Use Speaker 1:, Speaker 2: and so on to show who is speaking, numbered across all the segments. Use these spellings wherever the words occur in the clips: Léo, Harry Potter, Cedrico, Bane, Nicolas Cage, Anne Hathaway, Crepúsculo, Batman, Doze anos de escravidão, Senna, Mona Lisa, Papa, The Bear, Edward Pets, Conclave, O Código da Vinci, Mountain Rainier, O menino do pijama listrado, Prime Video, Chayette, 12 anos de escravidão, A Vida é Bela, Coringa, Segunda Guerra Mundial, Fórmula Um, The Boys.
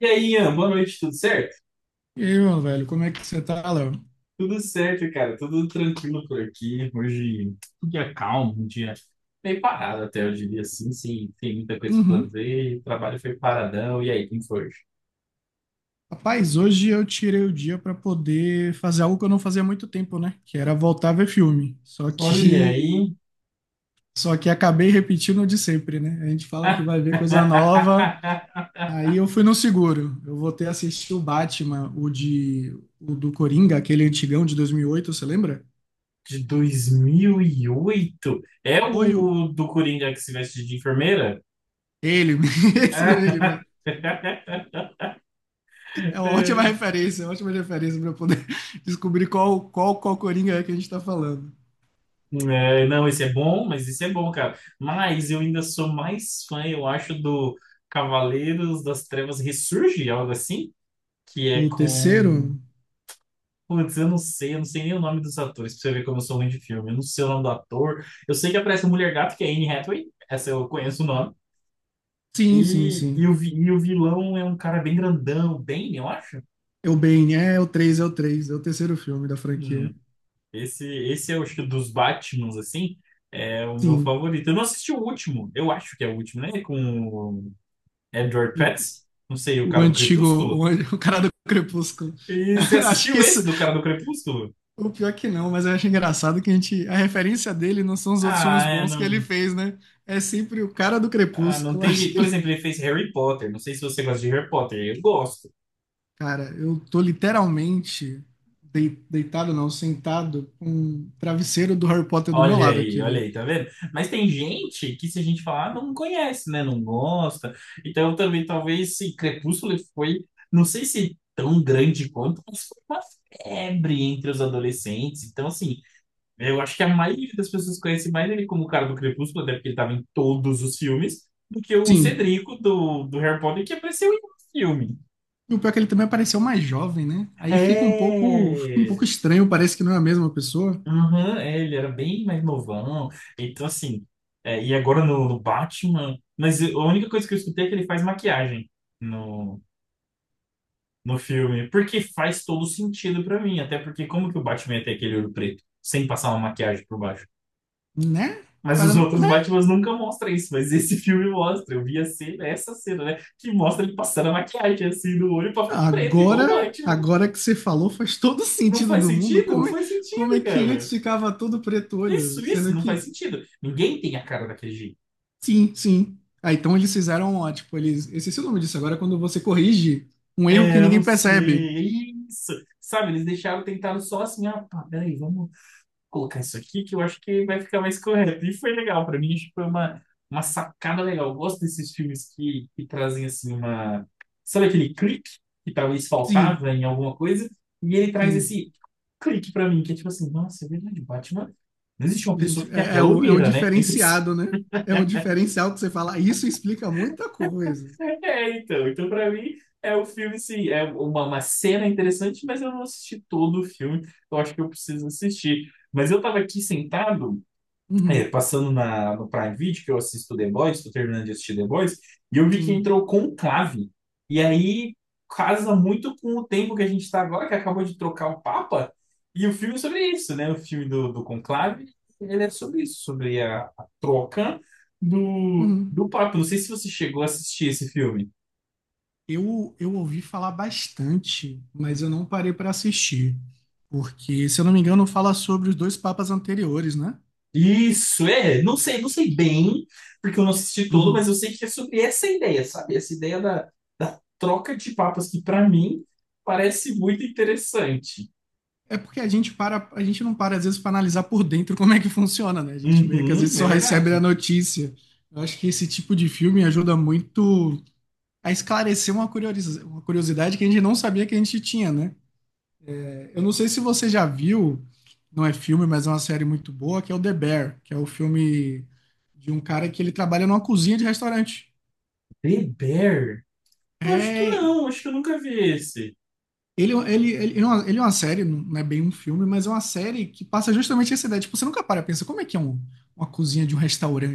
Speaker 1: E aí, Ian, boa noite, tudo certo?
Speaker 2: E aí, meu velho, como é que você tá, Léo?
Speaker 1: Tudo certo, cara, tudo tranquilo por aqui. Hoje, um dia calmo, um dia meio parado até, eu diria assim, sim, tem muita coisa pra
Speaker 2: Uhum.
Speaker 1: fazer, o trabalho foi paradão. E aí, quem foi hoje?
Speaker 2: Rapaz, hoje eu tirei o dia pra poder fazer algo que eu não fazia há muito tempo, né? Que era voltar a ver filme. Só
Speaker 1: Olha
Speaker 2: que
Speaker 1: aí.
Speaker 2: só que acabei repetindo o de sempre, né? A gente fala que vai ver coisa nova, aí eu fui no seguro. Eu voltei a assistir o Batman, o do Coringa, aquele antigão de 2008, você lembra?
Speaker 1: De 2008. É
Speaker 2: Foi o
Speaker 1: o do Coringa que se veste de enfermeira?
Speaker 2: ele mesmo, ele mesmo. É uma ótima referência, é uma ótima referência pra eu poder descobrir qual Coringa é que a gente tá falando.
Speaker 1: É, não, esse é bom, mas esse é bom, cara. Mas eu ainda sou mais fã, eu acho, do Cavaleiros das Trevas Ressurge, algo assim, que é
Speaker 2: O
Speaker 1: com.
Speaker 2: terceiro?
Speaker 1: Putz, eu não sei nem o nome dos atores, pra você ver como eu sou ruim de filme. Eu não sei o nome do ator. Eu sei que aparece a Mulher Gato, que é Anne Hathaway, essa eu conheço o nome.
Speaker 2: Sim, sim,
Speaker 1: E, e, o,
Speaker 2: sim.
Speaker 1: vi- e o vilão é um cara bem grandão, bem, eu acho.
Speaker 2: É o Bane, é o 3 é o 3 é o terceiro filme da franquia.
Speaker 1: Hum, esse é, eu acho que dos Batmans, assim. É o meu
Speaker 2: Sim.
Speaker 1: favorito. Eu não assisti o último, eu acho que é o último, né? Com Edward
Speaker 2: O,
Speaker 1: Pets, não sei, o
Speaker 2: o
Speaker 1: cara do
Speaker 2: antigo,
Speaker 1: Crepúsculo.
Speaker 2: o cara do Crepúsculo.
Speaker 1: E você
Speaker 2: Acho que
Speaker 1: assistiu
Speaker 2: isso,
Speaker 1: esse do cara do Crepúsculo?
Speaker 2: o pior que não, mas eu acho engraçado que a gente, a referência dele não são os outros filmes
Speaker 1: Ah, é,
Speaker 2: bons que ele
Speaker 1: não.
Speaker 2: fez, né? É sempre o cara do
Speaker 1: Ah, não
Speaker 2: Crepúsculo.
Speaker 1: tem
Speaker 2: Acho
Speaker 1: jeito.
Speaker 2: que,
Speaker 1: Por exemplo, ele fez Harry Potter. Não sei se você gosta de Harry Potter. Eu gosto.
Speaker 2: cara, eu tô literalmente deitado, não, sentado com um travesseiro do Harry Potter do meu lado aqui,
Speaker 1: Olha
Speaker 2: velho.
Speaker 1: aí, tá vendo? Mas tem gente que, se a gente falar, não conhece, né? Não gosta. Então, também, talvez, se Crepúsculo foi, não sei se tão grande quanto, mas foi uma febre entre os adolescentes. Então, assim, eu acho que a maioria das pessoas conhece mais ele como o cara do Crepúsculo, até porque ele estava em todos os filmes, do que o
Speaker 2: Sim,
Speaker 1: Cedrico do Harry Potter, que apareceu em um filme.
Speaker 2: e o pior é que ele também apareceu mais jovem, né? Aí fica um pouco
Speaker 1: É!
Speaker 2: estranho, parece que não é a mesma pessoa,
Speaker 1: Aham, é, ele era bem mais novão. Então, assim, é, e agora no, no Batman. Mas a única coisa que eu escutei é que ele faz maquiagem no, no filme, porque faz todo sentido pra mim, até porque como que o Batman ia ter aquele olho preto sem passar uma maquiagem por baixo?
Speaker 2: né?
Speaker 1: Mas os
Speaker 2: Parando...
Speaker 1: outros
Speaker 2: É,
Speaker 1: Batmans nunca mostram isso, mas esse filme mostra. Eu vi a cena, essa cena, né? Que mostra ele passando a maquiagem assim no olho pra ficar preto, igual
Speaker 2: agora,
Speaker 1: o Batman.
Speaker 2: agora que você falou, faz todo
Speaker 1: Não
Speaker 2: sentido
Speaker 1: faz
Speaker 2: do mundo.
Speaker 1: sentido? Não faz
Speaker 2: Como é
Speaker 1: sentido,
Speaker 2: que antes
Speaker 1: cara.
Speaker 2: ficava todo preto olho?
Speaker 1: Isso,
Speaker 2: Sendo
Speaker 1: não faz
Speaker 2: que,
Speaker 1: sentido. Ninguém tem a cara daquele jeito.
Speaker 2: sim, sim. Ah, então eles fizeram, ó, tipo, eles... Eu esqueci o nome disso agora, é quando você corrige um erro que
Speaker 1: É, eu
Speaker 2: ninguém
Speaker 1: não
Speaker 2: percebe.
Speaker 1: sei. É isso. Sabe, eles deixaram, tentaram só assim, ah, pá, peraí, vamos colocar isso aqui que eu acho que vai ficar mais correto. E foi legal, pra mim, acho que foi uma sacada legal. Eu gosto desses filmes que trazem, assim, uma... Sabe aquele clique que talvez
Speaker 2: Sim,
Speaker 1: faltava em alguma coisa? E ele traz
Speaker 2: sim.
Speaker 1: esse clique pra mim, que é tipo assim, nossa, é verdade, Batman... Não existe uma pessoa
Speaker 2: Gente,
Speaker 1: que tem aquela
Speaker 2: é um
Speaker 1: olheira, né? É impossível.
Speaker 2: diferenciado, né? É um diferencial que você fala, "Ah, isso explica muita coisa.
Speaker 1: É, então. Então, pra mim, é um filme, sim, é uma cena interessante, mas eu não assisti todo o filme. Eu acho que eu preciso assistir. Mas eu tava aqui sentado, é,
Speaker 2: Uhum,
Speaker 1: passando na, no Prime Video, que eu assisto The Boys, tô terminando de assistir The Boys, e eu vi que
Speaker 2: sim.
Speaker 1: entrou Conclave. E aí casa muito com o tempo que a gente tá agora, que acabou de trocar o Papa, e o filme é sobre isso, né? O filme do, do Conclave, ele é sobre isso, sobre a troca do,
Speaker 2: Uhum.
Speaker 1: do Papa. Não sei se você chegou a assistir esse filme.
Speaker 2: Eu ouvi falar bastante, mas eu não parei para assistir. Porque, se eu não me engano, fala sobre os dois papas anteriores, né?
Speaker 1: Isso, é, não sei, não sei bem, porque eu não assisti todo, mas
Speaker 2: Uhum.
Speaker 1: eu sei que é sobre essa ideia, sabe? Essa ideia da, da troca de papas, que pra mim parece muito interessante.
Speaker 2: É porque a gente para, a gente não para às vezes para analisar por dentro como é que funciona, né? A gente meio que às vezes
Speaker 1: Uhum, é
Speaker 2: só recebe a
Speaker 1: verdade.
Speaker 2: notícia. Eu acho que esse tipo de filme ajuda muito a esclarecer uma uma curiosidade que a gente não sabia que a gente tinha, né? Eu não sei se você já viu, não é filme, mas é uma série muito boa, que é o The Bear, que é o filme de um cara que ele trabalha numa cozinha de restaurante.
Speaker 1: The Bear? Eu acho que
Speaker 2: É,
Speaker 1: não, acho que eu nunca vi esse.
Speaker 2: ele é uma série, não é bem um filme, mas é uma série que passa justamente essa ideia. Tipo, você nunca para e pensa, como é que é uma cozinha de um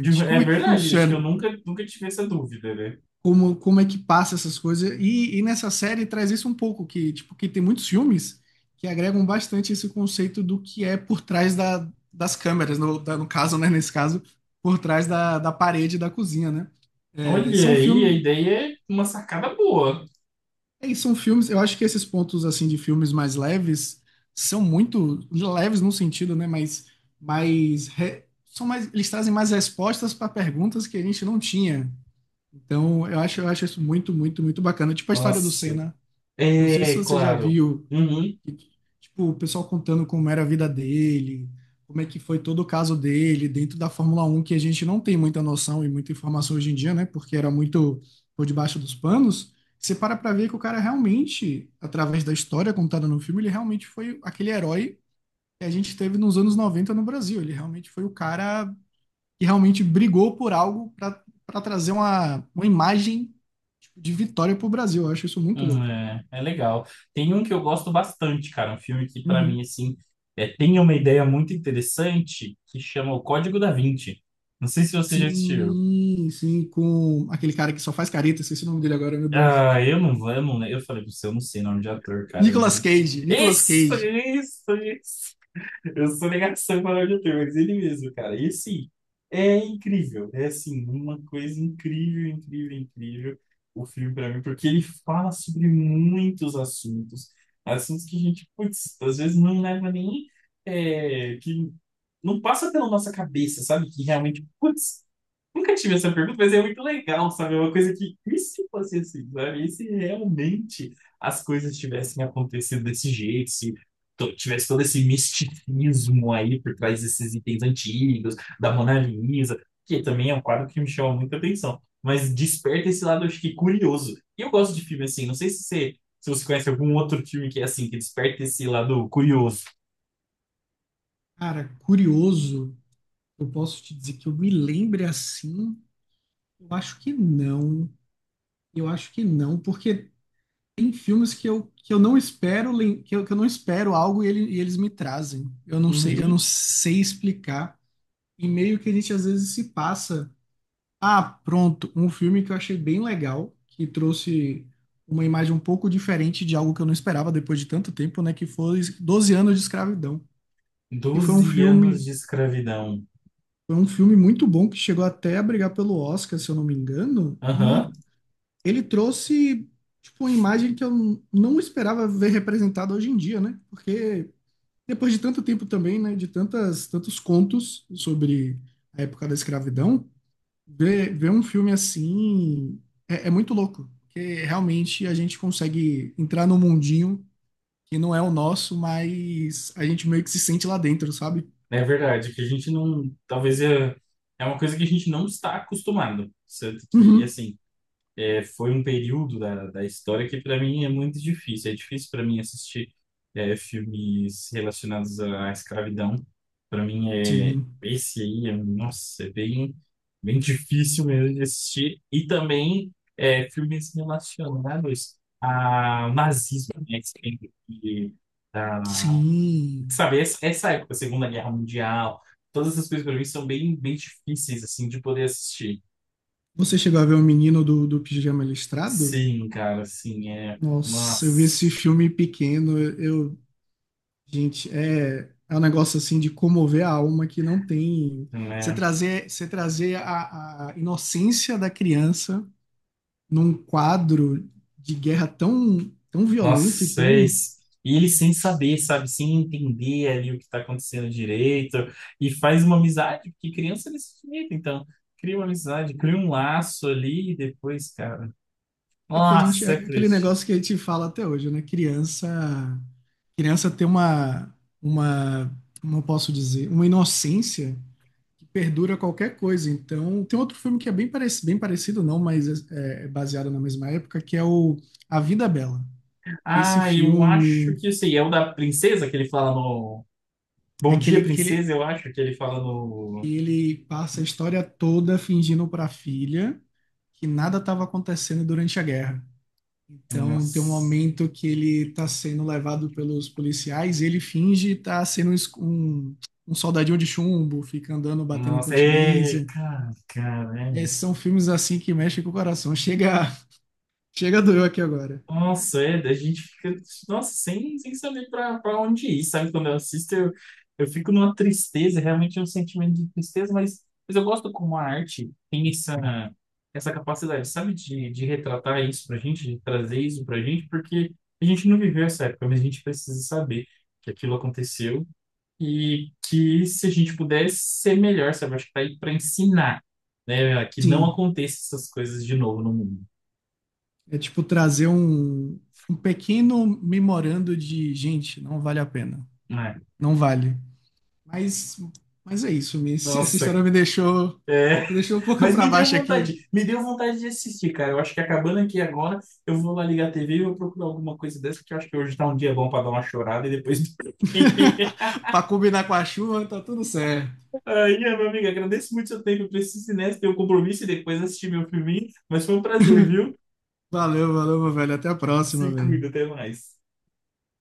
Speaker 1: De- é
Speaker 2: Como é que
Speaker 1: verdade, acho que eu
Speaker 2: funciona?
Speaker 1: nunca, nunca tive essa dúvida, né?
Speaker 2: Como, como é que passa essas coisas. E nessa série traz isso um pouco, que, tipo, que tem muitos filmes que agregam bastante esse conceito do que é por trás da, das câmeras, no caso, né, nesse caso, por trás da, da parede da cozinha, né? É,
Speaker 1: Olha
Speaker 2: são
Speaker 1: aí, a
Speaker 2: filmes,
Speaker 1: ideia é uma sacada boa.
Speaker 2: é, são filmes, eu acho que esses pontos, assim, de filmes mais leves são muito leves no sentido, né, mas mais... São mais, eles trazem mais respostas para perguntas que a gente não tinha. Então, eu acho isso muito, muito, muito bacana. Tipo a história do
Speaker 1: Nossa,
Speaker 2: Senna. Não sei se
Speaker 1: é
Speaker 2: você já
Speaker 1: claro.
Speaker 2: viu,
Speaker 1: Uhum.
Speaker 2: tipo, o pessoal contando como era a vida dele, como é que foi todo o caso dele dentro da Fórmula Um que a gente não tem muita noção e muita informação hoje em dia, né? Porque era muito por debaixo dos panos. Você para pra ver que o cara realmente, através da história contada no filme, ele realmente foi aquele herói que a gente teve nos anos 90 no Brasil. Ele realmente foi o cara que realmente brigou por algo para trazer uma imagem, tipo, de vitória pro Brasil. Eu acho isso muito louco.
Speaker 1: É, é legal. Tem um que eu gosto bastante, cara. Um filme que, pra mim,
Speaker 2: Uhum.
Speaker 1: assim, é, tem uma ideia muito interessante que chama O Código da Vinci. Não sei se você já assistiu.
Speaker 2: Sim, sim, com aquele cara que só faz careta, esqueci o nome dele agora, meu Deus.
Speaker 1: Ah, eu não vou, eu não, eu falei pra você, eu não sei nome de ator, cara. Eu
Speaker 2: Nicolas
Speaker 1: não-
Speaker 2: Cage, Nicolas
Speaker 1: isso,
Speaker 2: Cage.
Speaker 1: isso, isso. Eu sou negação para o auditor, mas ele mesmo, cara. E assim, é incrível. É assim, uma coisa incrível, incrível, incrível o filme para mim, porque ele fala sobre muitos assuntos. Assuntos que a gente, putz, às vezes não leva nem. É, que não passa pela nossa cabeça, sabe? Que realmente, putz, nunca tive essa pergunta, mas é muito legal, sabe? É uma coisa que, e se fosse assim, sabe? E se realmente as coisas tivessem acontecido desse jeito, se tivesse todo esse misticismo aí por trás desses itens antigos, da Mona Lisa, que também é um quadro que me chama muita atenção, mas desperta esse lado, acho que curioso. E eu gosto de filme assim, não sei se você, se você conhece algum outro filme que é assim, que desperta esse lado curioso.
Speaker 2: Cara, curioso, eu posso te dizer que eu me lembre assim? Eu acho que não. Eu acho que não, porque tem filmes que eu não espero, que eu não espero algo e, e eles me trazem. Eu não
Speaker 1: Uhum.
Speaker 2: sei explicar. E meio que a gente às vezes se passa. Ah, pronto. Um filme que eu achei bem legal, que trouxe uma imagem um pouco diferente de algo que eu não esperava depois de tanto tempo, né? Que foi doze anos de escravidão. E
Speaker 1: 12 anos de escravidão.
Speaker 2: foi um filme muito bom que chegou até a brigar pelo Oscar, se eu não me engano, e
Speaker 1: Aham.
Speaker 2: ele trouxe tipo uma imagem que eu não esperava ver representada hoje em dia, né? Porque depois de tanto tempo também, né, de tantas tantos contos sobre a época da escravidão, ver, ver um filme assim é, é muito louco, porque realmente a gente consegue entrar num mundinho que não é o nosso, mas a gente meio que se sente lá dentro, sabe?
Speaker 1: É verdade, que a gente não. Talvez é, é uma coisa que a gente não está acostumado. Tanto que,
Speaker 2: Uhum.
Speaker 1: assim, é, foi um período da, da história que, para mim, é muito difícil. É difícil para mim assistir é, filmes relacionados à escravidão. Para mim, é,
Speaker 2: Sim,
Speaker 1: esse aí, é, nossa, é bem, bem difícil mesmo de assistir. E também é, filmes relacionados ao nazismo, né? Que tem- que- da,
Speaker 2: sim.
Speaker 1: sabe, essa época, Segunda Guerra Mundial, todas essas coisas pra mim são bem, bem difíceis, assim, de poder assistir.
Speaker 2: Você chegou a ver o menino do, do pijama listrado?
Speaker 1: Sim, cara, assim, é.
Speaker 2: Nossa, eu vi esse
Speaker 1: Nossa,
Speaker 2: filme pequeno, eu, gente, é, é um negócio assim de comover a alma que não tem.
Speaker 1: né?
Speaker 2: Você trazer a inocência da criança num quadro de guerra tão, tão
Speaker 1: Nossa,
Speaker 2: violento e tão.
Speaker 1: vocês. E ele sem saber, sabe? Sem entender ali o que tá acontecendo direito. E faz uma amizade, porque criança é desse jeito, então. Cria uma amizade, cria um laço ali e depois, cara.
Speaker 2: É que a gente.
Speaker 1: Nossa, é
Speaker 2: É aquele
Speaker 1: triste.
Speaker 2: negócio que a gente fala até hoje, né? Criança. Criança tem uma. Uma. Como eu posso dizer? Uma inocência que perdura qualquer coisa. Então, tem outro filme que é bem parecido não, mas é, é baseado na mesma época, que é o A Vida é Bela. Esse
Speaker 1: Ah, eu acho
Speaker 2: filme
Speaker 1: que eu sei. É o da princesa que ele fala no.
Speaker 2: é
Speaker 1: Bom
Speaker 2: que
Speaker 1: dia,
Speaker 2: ele, que
Speaker 1: princesa,
Speaker 2: ele,
Speaker 1: eu acho que ele fala
Speaker 2: que
Speaker 1: no.
Speaker 2: ele passa a história toda fingindo para a filha que nada estava acontecendo durante a guerra. Então, tem um
Speaker 1: Nossa,
Speaker 2: momento que ele está sendo levado pelos policiais e ele finge estar sendo um, um soldadinho de chumbo, fica andando, batendo
Speaker 1: nossa, é.
Speaker 2: continência.
Speaker 1: Cara, cara, é.
Speaker 2: É, são filmes assim que mexem com o coração. Chega, chega doeu aqui agora.
Speaker 1: Nossa, é, a gente fica, nossa, sem, sem saber pra, pra onde ir, sabe? Quando eu assisto, eu fico numa tristeza, realmente é um sentimento de tristeza, mas eu gosto como a arte tem essa, essa capacidade, sabe, de retratar isso pra gente, de trazer isso pra gente, porque a gente não viveu essa época, mas a gente precisa saber que aquilo aconteceu e que se a gente pudesse ser melhor, sabe? Acho que tá aí para ensinar, né? Que não
Speaker 2: Sim,
Speaker 1: aconteça essas coisas de novo no mundo,
Speaker 2: é tipo trazer um, um pequeno memorando de, gente, não vale a pena.
Speaker 1: né?
Speaker 2: Não vale. Mas, mas é isso, essa
Speaker 1: Nossa,
Speaker 2: história
Speaker 1: é,
Speaker 2: me deixou um pouco
Speaker 1: mas
Speaker 2: para baixo aqui.
Speaker 1: me deu vontade de assistir, cara. Eu acho que acabando aqui agora, eu vou lá ligar a TV e vou procurar alguma coisa dessa, porque eu acho que hoje tá um dia bom para dar uma chorada e depois dormir.
Speaker 2: Para combinar com a chuva, tá tudo certo.
Speaker 1: Ai, é, meu amigo, agradeço muito o seu tempo. Eu preciso ir nessa, ter um compromisso e depois assistir meu filminho, mas foi um prazer, viu?
Speaker 2: Valeu, valeu, meu velho. Até a próxima,
Speaker 1: Se
Speaker 2: velho.
Speaker 1: cuida, até mais.